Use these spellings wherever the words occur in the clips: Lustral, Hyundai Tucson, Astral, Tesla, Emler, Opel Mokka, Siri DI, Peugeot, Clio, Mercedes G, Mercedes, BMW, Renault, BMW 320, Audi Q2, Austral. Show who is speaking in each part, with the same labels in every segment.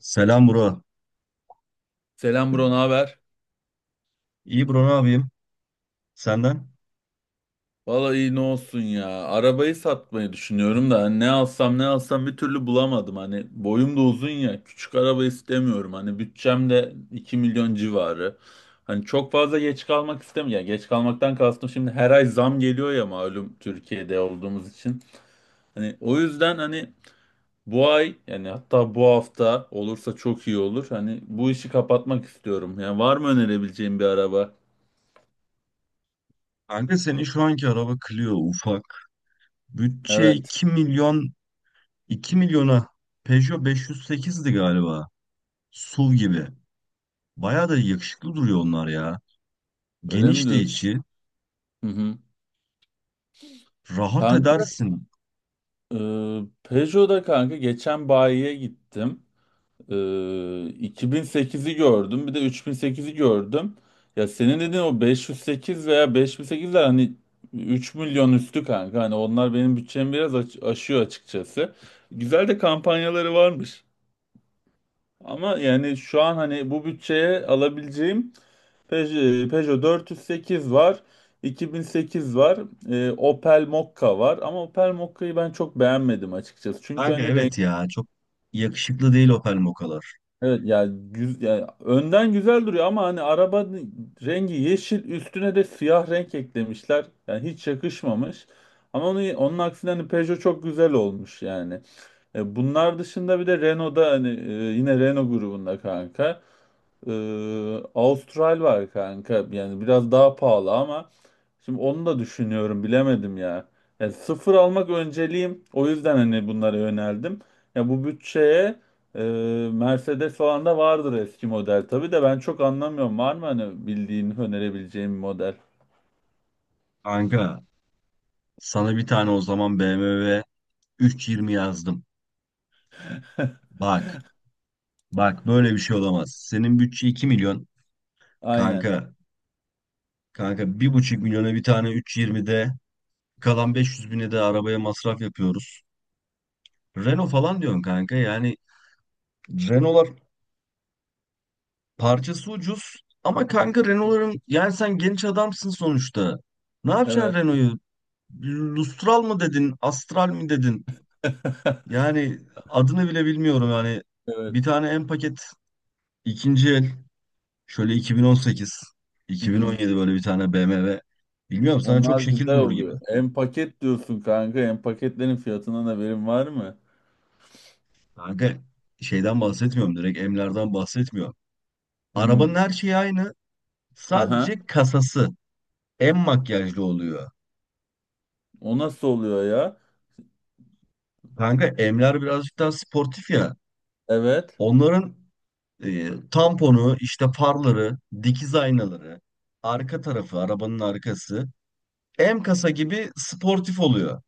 Speaker 1: Selam bro.
Speaker 2: Selam bro, ne haber?
Speaker 1: İyi bro, ne yapayım? Senden?
Speaker 2: Vallahi iyi ne olsun ya. Arabayı satmayı düşünüyorum da hani ne alsam ne alsam bir türlü bulamadım. Hani boyum da uzun ya. Küçük araba istemiyorum. Hani bütçem de 2 milyon civarı. Hani çok fazla geç kalmak istemiyorum. Yani geç kalmaktan kastım şimdi her ay zam geliyor ya malum Türkiye'de olduğumuz için. Hani o yüzden hani bu ay yani hatta bu hafta olursa çok iyi olur. Hani bu işi kapatmak istiyorum. Yani var mı önerebileceğim bir araba?
Speaker 1: Kanka senin şu anki araba Clio ufak. Bütçe
Speaker 2: Evet.
Speaker 1: 2 milyon, 2 milyona Peugeot 508'di galiba. SUV gibi. Bayağı da yakışıklı duruyor onlar ya.
Speaker 2: Öyle mi
Speaker 1: Geniş de
Speaker 2: diyorsun?
Speaker 1: içi.
Speaker 2: Hı hı.
Speaker 1: Rahat edersin.
Speaker 2: Peugeot'da kanka geçen bayiye gittim. Ee, 2008'i gördüm. Bir de 3008'i gördüm. Ya senin dediğin o 508 veya 5008'ler hani 3 milyon üstü kanka. Hani onlar benim bütçemi biraz aşıyor açıkçası. Güzel de kampanyaları varmış. Ama yani şu an hani bu bütçeye alabileceğim Peugeot 408 var, 2008 var, Opel Mokka var. Ama Opel Mokka'yı ben çok beğenmedim açıkçası. Çünkü
Speaker 1: Kanka
Speaker 2: hani renk
Speaker 1: evet ya, çok yakışıklı değil Opel Moka'lar.
Speaker 2: evet yani, yani önden güzel duruyor ama hani araba rengi yeşil üstüne de siyah renk eklemişler. Yani hiç yakışmamış. Ama onun aksine hani Peugeot çok güzel olmuş yani. Bunlar dışında bir de Renault'da hani yine Renault grubunda kanka. Austral var kanka. Yani biraz daha pahalı ama şimdi onu da düşünüyorum bilemedim ya. Yani sıfır almak önceliğim. O yüzden hani bunlara yöneldim. Ya bu bütçeye e, Mercedes falan da vardır eski model. Tabii de ben çok anlamıyorum. Var mı hani bildiğin önerebileceğim bir model?
Speaker 1: Kanka sana bir tane o zaman BMW 320 yazdım. Bak bak, böyle bir şey olamaz. Senin bütçe 2 milyon.
Speaker 2: Aynen.
Speaker 1: Kanka Kanka 1,5 milyona bir tane 3.20'de, kalan 500 bine de arabaya masraf yapıyoruz. Renault falan diyorsun kanka, yani Renault'lar parçası ucuz ama kanka Renault'ların, yani sen genç adamsın sonuçta. Ne yapacaksın
Speaker 2: Evet.
Speaker 1: Renault'u? Lustral mı dedin, Astral mi dedin? Yani adını bile bilmiyorum yani. Bir
Speaker 2: Evet.
Speaker 1: tane en paket ikinci el, şöyle 2018,
Speaker 2: Hı hı.
Speaker 1: 2017 böyle bir tane BMW. Bilmiyorum, sana çok
Speaker 2: Onlar
Speaker 1: şekil
Speaker 2: güzel
Speaker 1: durur gibi.
Speaker 2: oluyor. En paket diyorsun kanka. En paketlerin fiyatından haberin var mı?
Speaker 1: Kanka şeyden bahsetmiyorum, direkt Emler'den bahsetmiyorum. Arabanın
Speaker 2: Hmm.
Speaker 1: her şeyi aynı.
Speaker 2: Aha.
Speaker 1: Sadece kasası en makyajlı oluyor.
Speaker 2: O nasıl oluyor ya?
Speaker 1: Kanka Emler birazcık daha sportif ya.
Speaker 2: Evet.
Speaker 1: Onların tamponu, işte farları, dikiz aynaları, arka tarafı, arabanın arkası M kasa gibi sportif oluyor.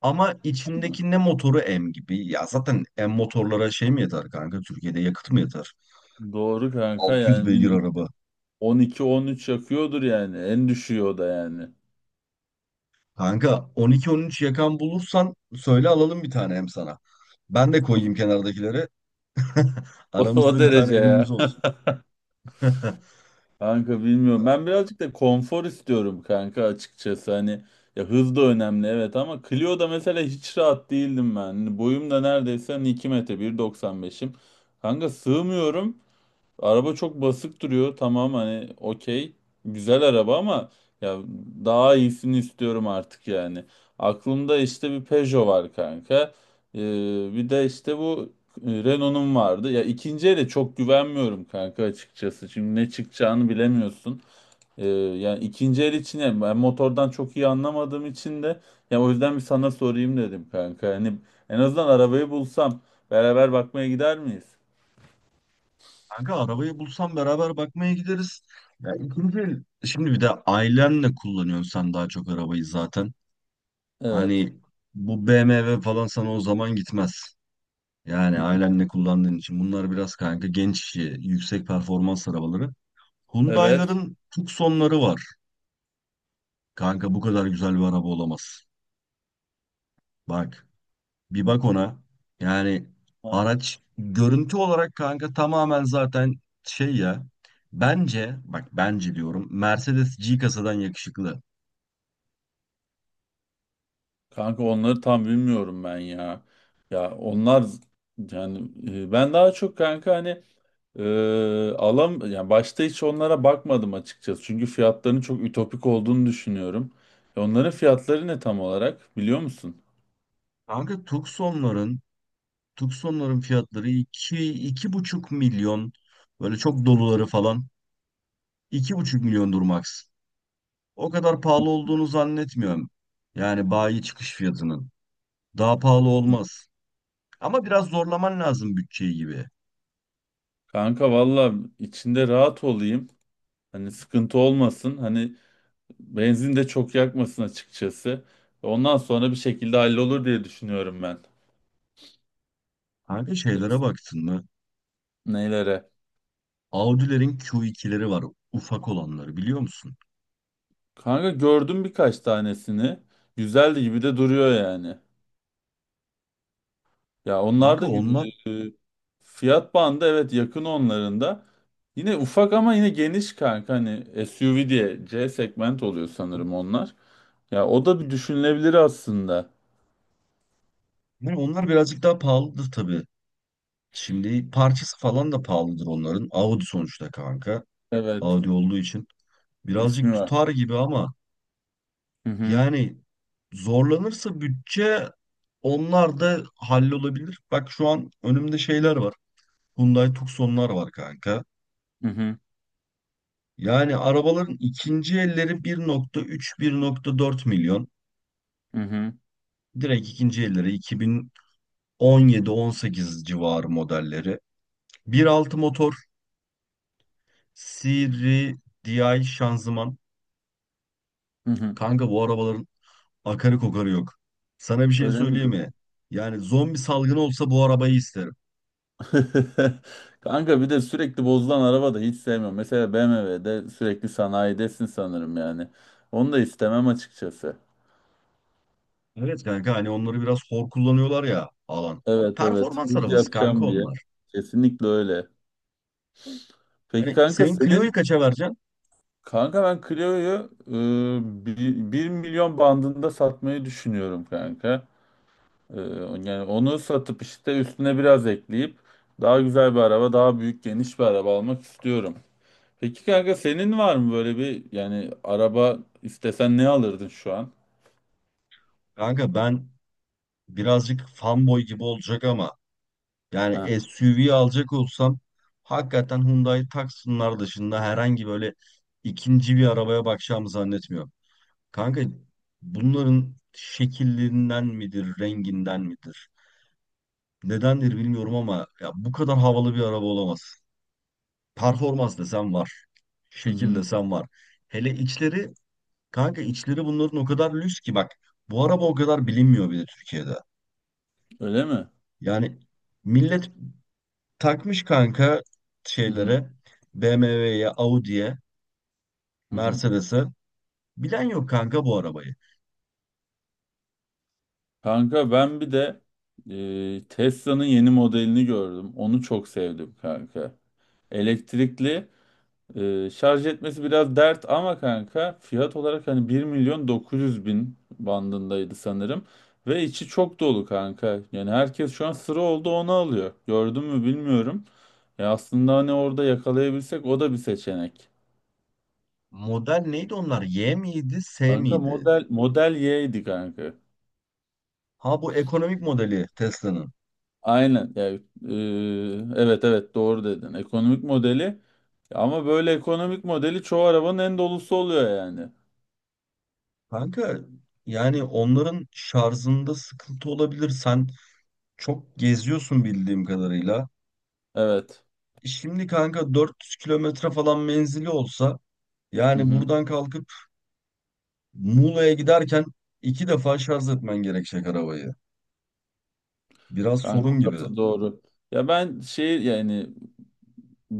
Speaker 1: Ama içindeki ne motoru M gibi. Ya zaten M motorlara şey mi yeter kanka? Türkiye'de yakıt mı yeter?
Speaker 2: Doğru kanka
Speaker 1: 600
Speaker 2: yani
Speaker 1: beygir
Speaker 2: minimum
Speaker 1: araba.
Speaker 2: 12-13 yakıyordur yani. En düşüğü o da yani.
Speaker 1: Kanka 12-13 yakan bulursan söyle, alalım bir tane hem sana. Ben de koyayım kenardakileri.
Speaker 2: O
Speaker 1: Aramızda bir tane
Speaker 2: derece ya.
Speaker 1: emimiz olsun.
Speaker 2: Kanka bilmiyorum. Ben birazcık da konfor istiyorum kanka açıkçası. Hani ya hız da önemli evet ama Clio'da mesela hiç rahat değildim ben. Hani boyum da neredeyse hani 2 metre 1,95'im. Kanka sığmıyorum. Araba çok basık duruyor. Tamam hani okey. Güzel araba ama ya daha iyisini istiyorum artık yani. Aklımda işte bir Peugeot var kanka. Ee, Bir de işte bu Renault'un vardı. Ya ikinci ele çok güvenmiyorum kanka açıkçası. Şimdi ne çıkacağını bilemiyorsun. Yani ikinci el için yani ben motordan çok iyi anlamadığım için de ya o yüzden bir sana sorayım dedim kanka. Hani en azından arabayı bulsam beraber bakmaya gider miyiz?
Speaker 1: Kanka arabayı bulsam beraber bakmaya gideriz. Şimdi bir de ailenle kullanıyorsun sen daha çok arabayı zaten.
Speaker 2: Evet.
Speaker 1: Hani bu BMW falan sana o zaman gitmez. Yani
Speaker 2: Git-
Speaker 1: ailenle kullandığın için bunlar biraz kanka genç işi, yüksek performans arabaları.
Speaker 2: Evet.
Speaker 1: Hyundai'ların Tucson'ları var. Kanka bu kadar güzel bir araba olamaz. Bak. Bir bak ona. Yani araç görüntü olarak kanka tamamen zaten şey ya. Bence bak, bence diyorum, Mercedes G kasadan yakışıklı.
Speaker 2: Kanka onları tam bilmiyorum ben ya. Ya onlar yani ben daha çok kanka hani e, alam yani başta hiç onlara bakmadım açıkçası. Çünkü fiyatlarının çok ütopik olduğunu düşünüyorum. Onların fiyatları ne tam olarak biliyor musun?
Speaker 1: Kanka Tucson'ların fiyatları iki, 2,5 milyon, böyle çok doluları falan 2,5 milyondur max. O kadar pahalı olduğunu zannetmiyorum. Yani bayi çıkış fiyatının. Daha pahalı olmaz. Ama biraz zorlaman lazım bütçeyi gibi.
Speaker 2: Kanka valla içinde rahat olayım. Hani sıkıntı olmasın. Hani benzin de çok yakmasın açıkçası. Ondan sonra bir şekilde hallolur diye düşünüyorum ben.
Speaker 1: Kanka şeylere baktın mı?
Speaker 2: Neylere?
Speaker 1: Audi'lerin Q2'leri var. Ufak olanları biliyor musun?
Speaker 2: Kanka gördüm birkaç tanesini. Güzeldi gibi de duruyor yani. Ya onlar
Speaker 1: Kanka
Speaker 2: da e,
Speaker 1: onlar,
Speaker 2: fiyat bandı evet yakın onların da. Yine ufak ama yine geniş kanka hani SUV diye C segment oluyor sanırım onlar. Ya o da bir düşünülebilir aslında.
Speaker 1: yani onlar birazcık daha pahalıdır tabii. Şimdi parçası falan da pahalıdır onların. Audi sonuçta kanka.
Speaker 2: Evet,
Speaker 1: Audi olduğu için.
Speaker 2: ismi
Speaker 1: Birazcık
Speaker 2: var.
Speaker 1: tutar gibi ama
Speaker 2: Hı hı
Speaker 1: yani zorlanırsa bütçe, onlar da hallolabilir. Bak şu an önümde şeyler var. Hyundai Tucson'lar var kanka.
Speaker 2: hı hı
Speaker 1: Yani arabaların ikinci elleri 1.3-1.4 milyon.
Speaker 2: hı hı.
Speaker 1: Direkt ikinci elleri 17-18 civarı modelleri. 1.6 motor, Siri DI şanzıman.
Speaker 2: Hı hı.
Speaker 1: Kanka bu arabaların akarı kokarı yok. Sana bir şey
Speaker 2: Öyle mi?
Speaker 1: söyleyeyim mi? Yani zombi salgını olsa bu arabayı isterim.
Speaker 2: Kanka bir de sürekli bozulan araba da hiç sevmiyorum. Mesela BMW'de sürekli sanayidesin sanırım yani. Onu da istemem açıkçası.
Speaker 1: Evet kanka, hani onları biraz hor kullanıyorlar ya alan.
Speaker 2: Evet evet,
Speaker 1: Performans
Speaker 2: hız
Speaker 1: arabası kanka
Speaker 2: yapacağım diye.
Speaker 1: onlar.
Speaker 2: Kesinlikle öyle. Peki
Speaker 1: Hani
Speaker 2: kanka
Speaker 1: senin Clio'yu
Speaker 2: senin?
Speaker 1: kaça vereceksin?
Speaker 2: Kanka ben Clio'yu milyon bandında satmayı düşünüyorum kanka. E, Yani onu satıp işte üstüne biraz ekleyip daha güzel bir araba, daha büyük geniş bir araba almak istiyorum. Peki kanka senin var mı böyle bir yani araba istesen ne alırdın şu an?
Speaker 1: Kanka ben birazcık fanboy gibi olacak ama,
Speaker 2: Ha.
Speaker 1: yani SUV alacak olsam hakikaten Hyundai Tucson'lar dışında herhangi böyle ikinci bir arabaya bakacağımı zannetmiyorum. Kanka bunların şekillerinden midir, renginden midir? Nedendir bilmiyorum ama ya bu kadar havalı bir araba olamaz. Performans desem var.
Speaker 2: Hı
Speaker 1: Şekil
Speaker 2: hı.
Speaker 1: desem var. Hele içleri, kanka içleri bunların o kadar lüks ki, bak bu araba o kadar bilinmiyor bile Türkiye'de.
Speaker 2: Öyle mi?
Speaker 1: Yani millet takmış kanka
Speaker 2: Hı hı.
Speaker 1: şeylere, BMW'ye, Audi'ye,
Speaker 2: Hı hı.
Speaker 1: Mercedes'e. Bilen yok kanka bu arabayı.
Speaker 2: Kanka ben bir de Tesla'nın yeni modelini gördüm. Onu çok sevdim kanka. Elektrikli. Şarj etmesi biraz dert ama kanka fiyat olarak hani 1 milyon 900 bin bandındaydı sanırım. Ve içi çok dolu kanka. Yani herkes şu an sıra oldu onu alıyor. Gördün mü bilmiyorum. Ya aslında hani orada yakalayabilsek o da bir seçenek.
Speaker 1: Model neydi onlar? Y miydi, S
Speaker 2: Kanka
Speaker 1: miydi?
Speaker 2: model Y'ydi kanka.
Speaker 1: Ha, bu ekonomik modeli Tesla'nın.
Speaker 2: Aynen. Yani, evet evet doğru dedin. Ekonomik modeli. Ama böyle ekonomik modeli çoğu arabanın en dolusu oluyor yani.
Speaker 1: Kanka yani onların şarjında sıkıntı olabilir. Sen çok geziyorsun bildiğim kadarıyla.
Speaker 2: Evet.
Speaker 1: Şimdi kanka 400 kilometre falan menzili olsa,
Speaker 2: Hı
Speaker 1: yani
Speaker 2: hı.
Speaker 1: buradan kalkıp Muğla'ya giderken iki defa şarj etmen gerekecek arabayı. Biraz
Speaker 2: Kanka
Speaker 1: sorun gibi.
Speaker 2: orası doğru. Ya ben şehir yani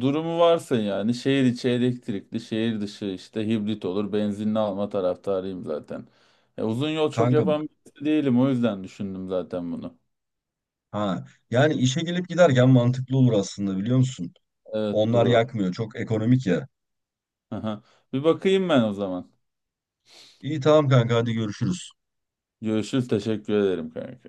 Speaker 2: durumu varsa yani şehir içi elektrikli, şehir dışı işte hibrit olur. Benzinli alma taraftarıyım zaten. Ya uzun yol çok
Speaker 1: Kanka
Speaker 2: yapan birisi değilim o yüzden düşündüm zaten bunu.
Speaker 1: ha, yani işe gelip giderken mantıklı olur aslında, biliyor musun?
Speaker 2: Evet
Speaker 1: Onlar
Speaker 2: Duru.
Speaker 1: yakmıyor. Çok ekonomik ya.
Speaker 2: Aha. Bir bakayım ben o zaman.
Speaker 1: İyi tamam kanka, hadi görüşürüz.
Speaker 2: Görüşürüz. Teşekkür ederim kanka.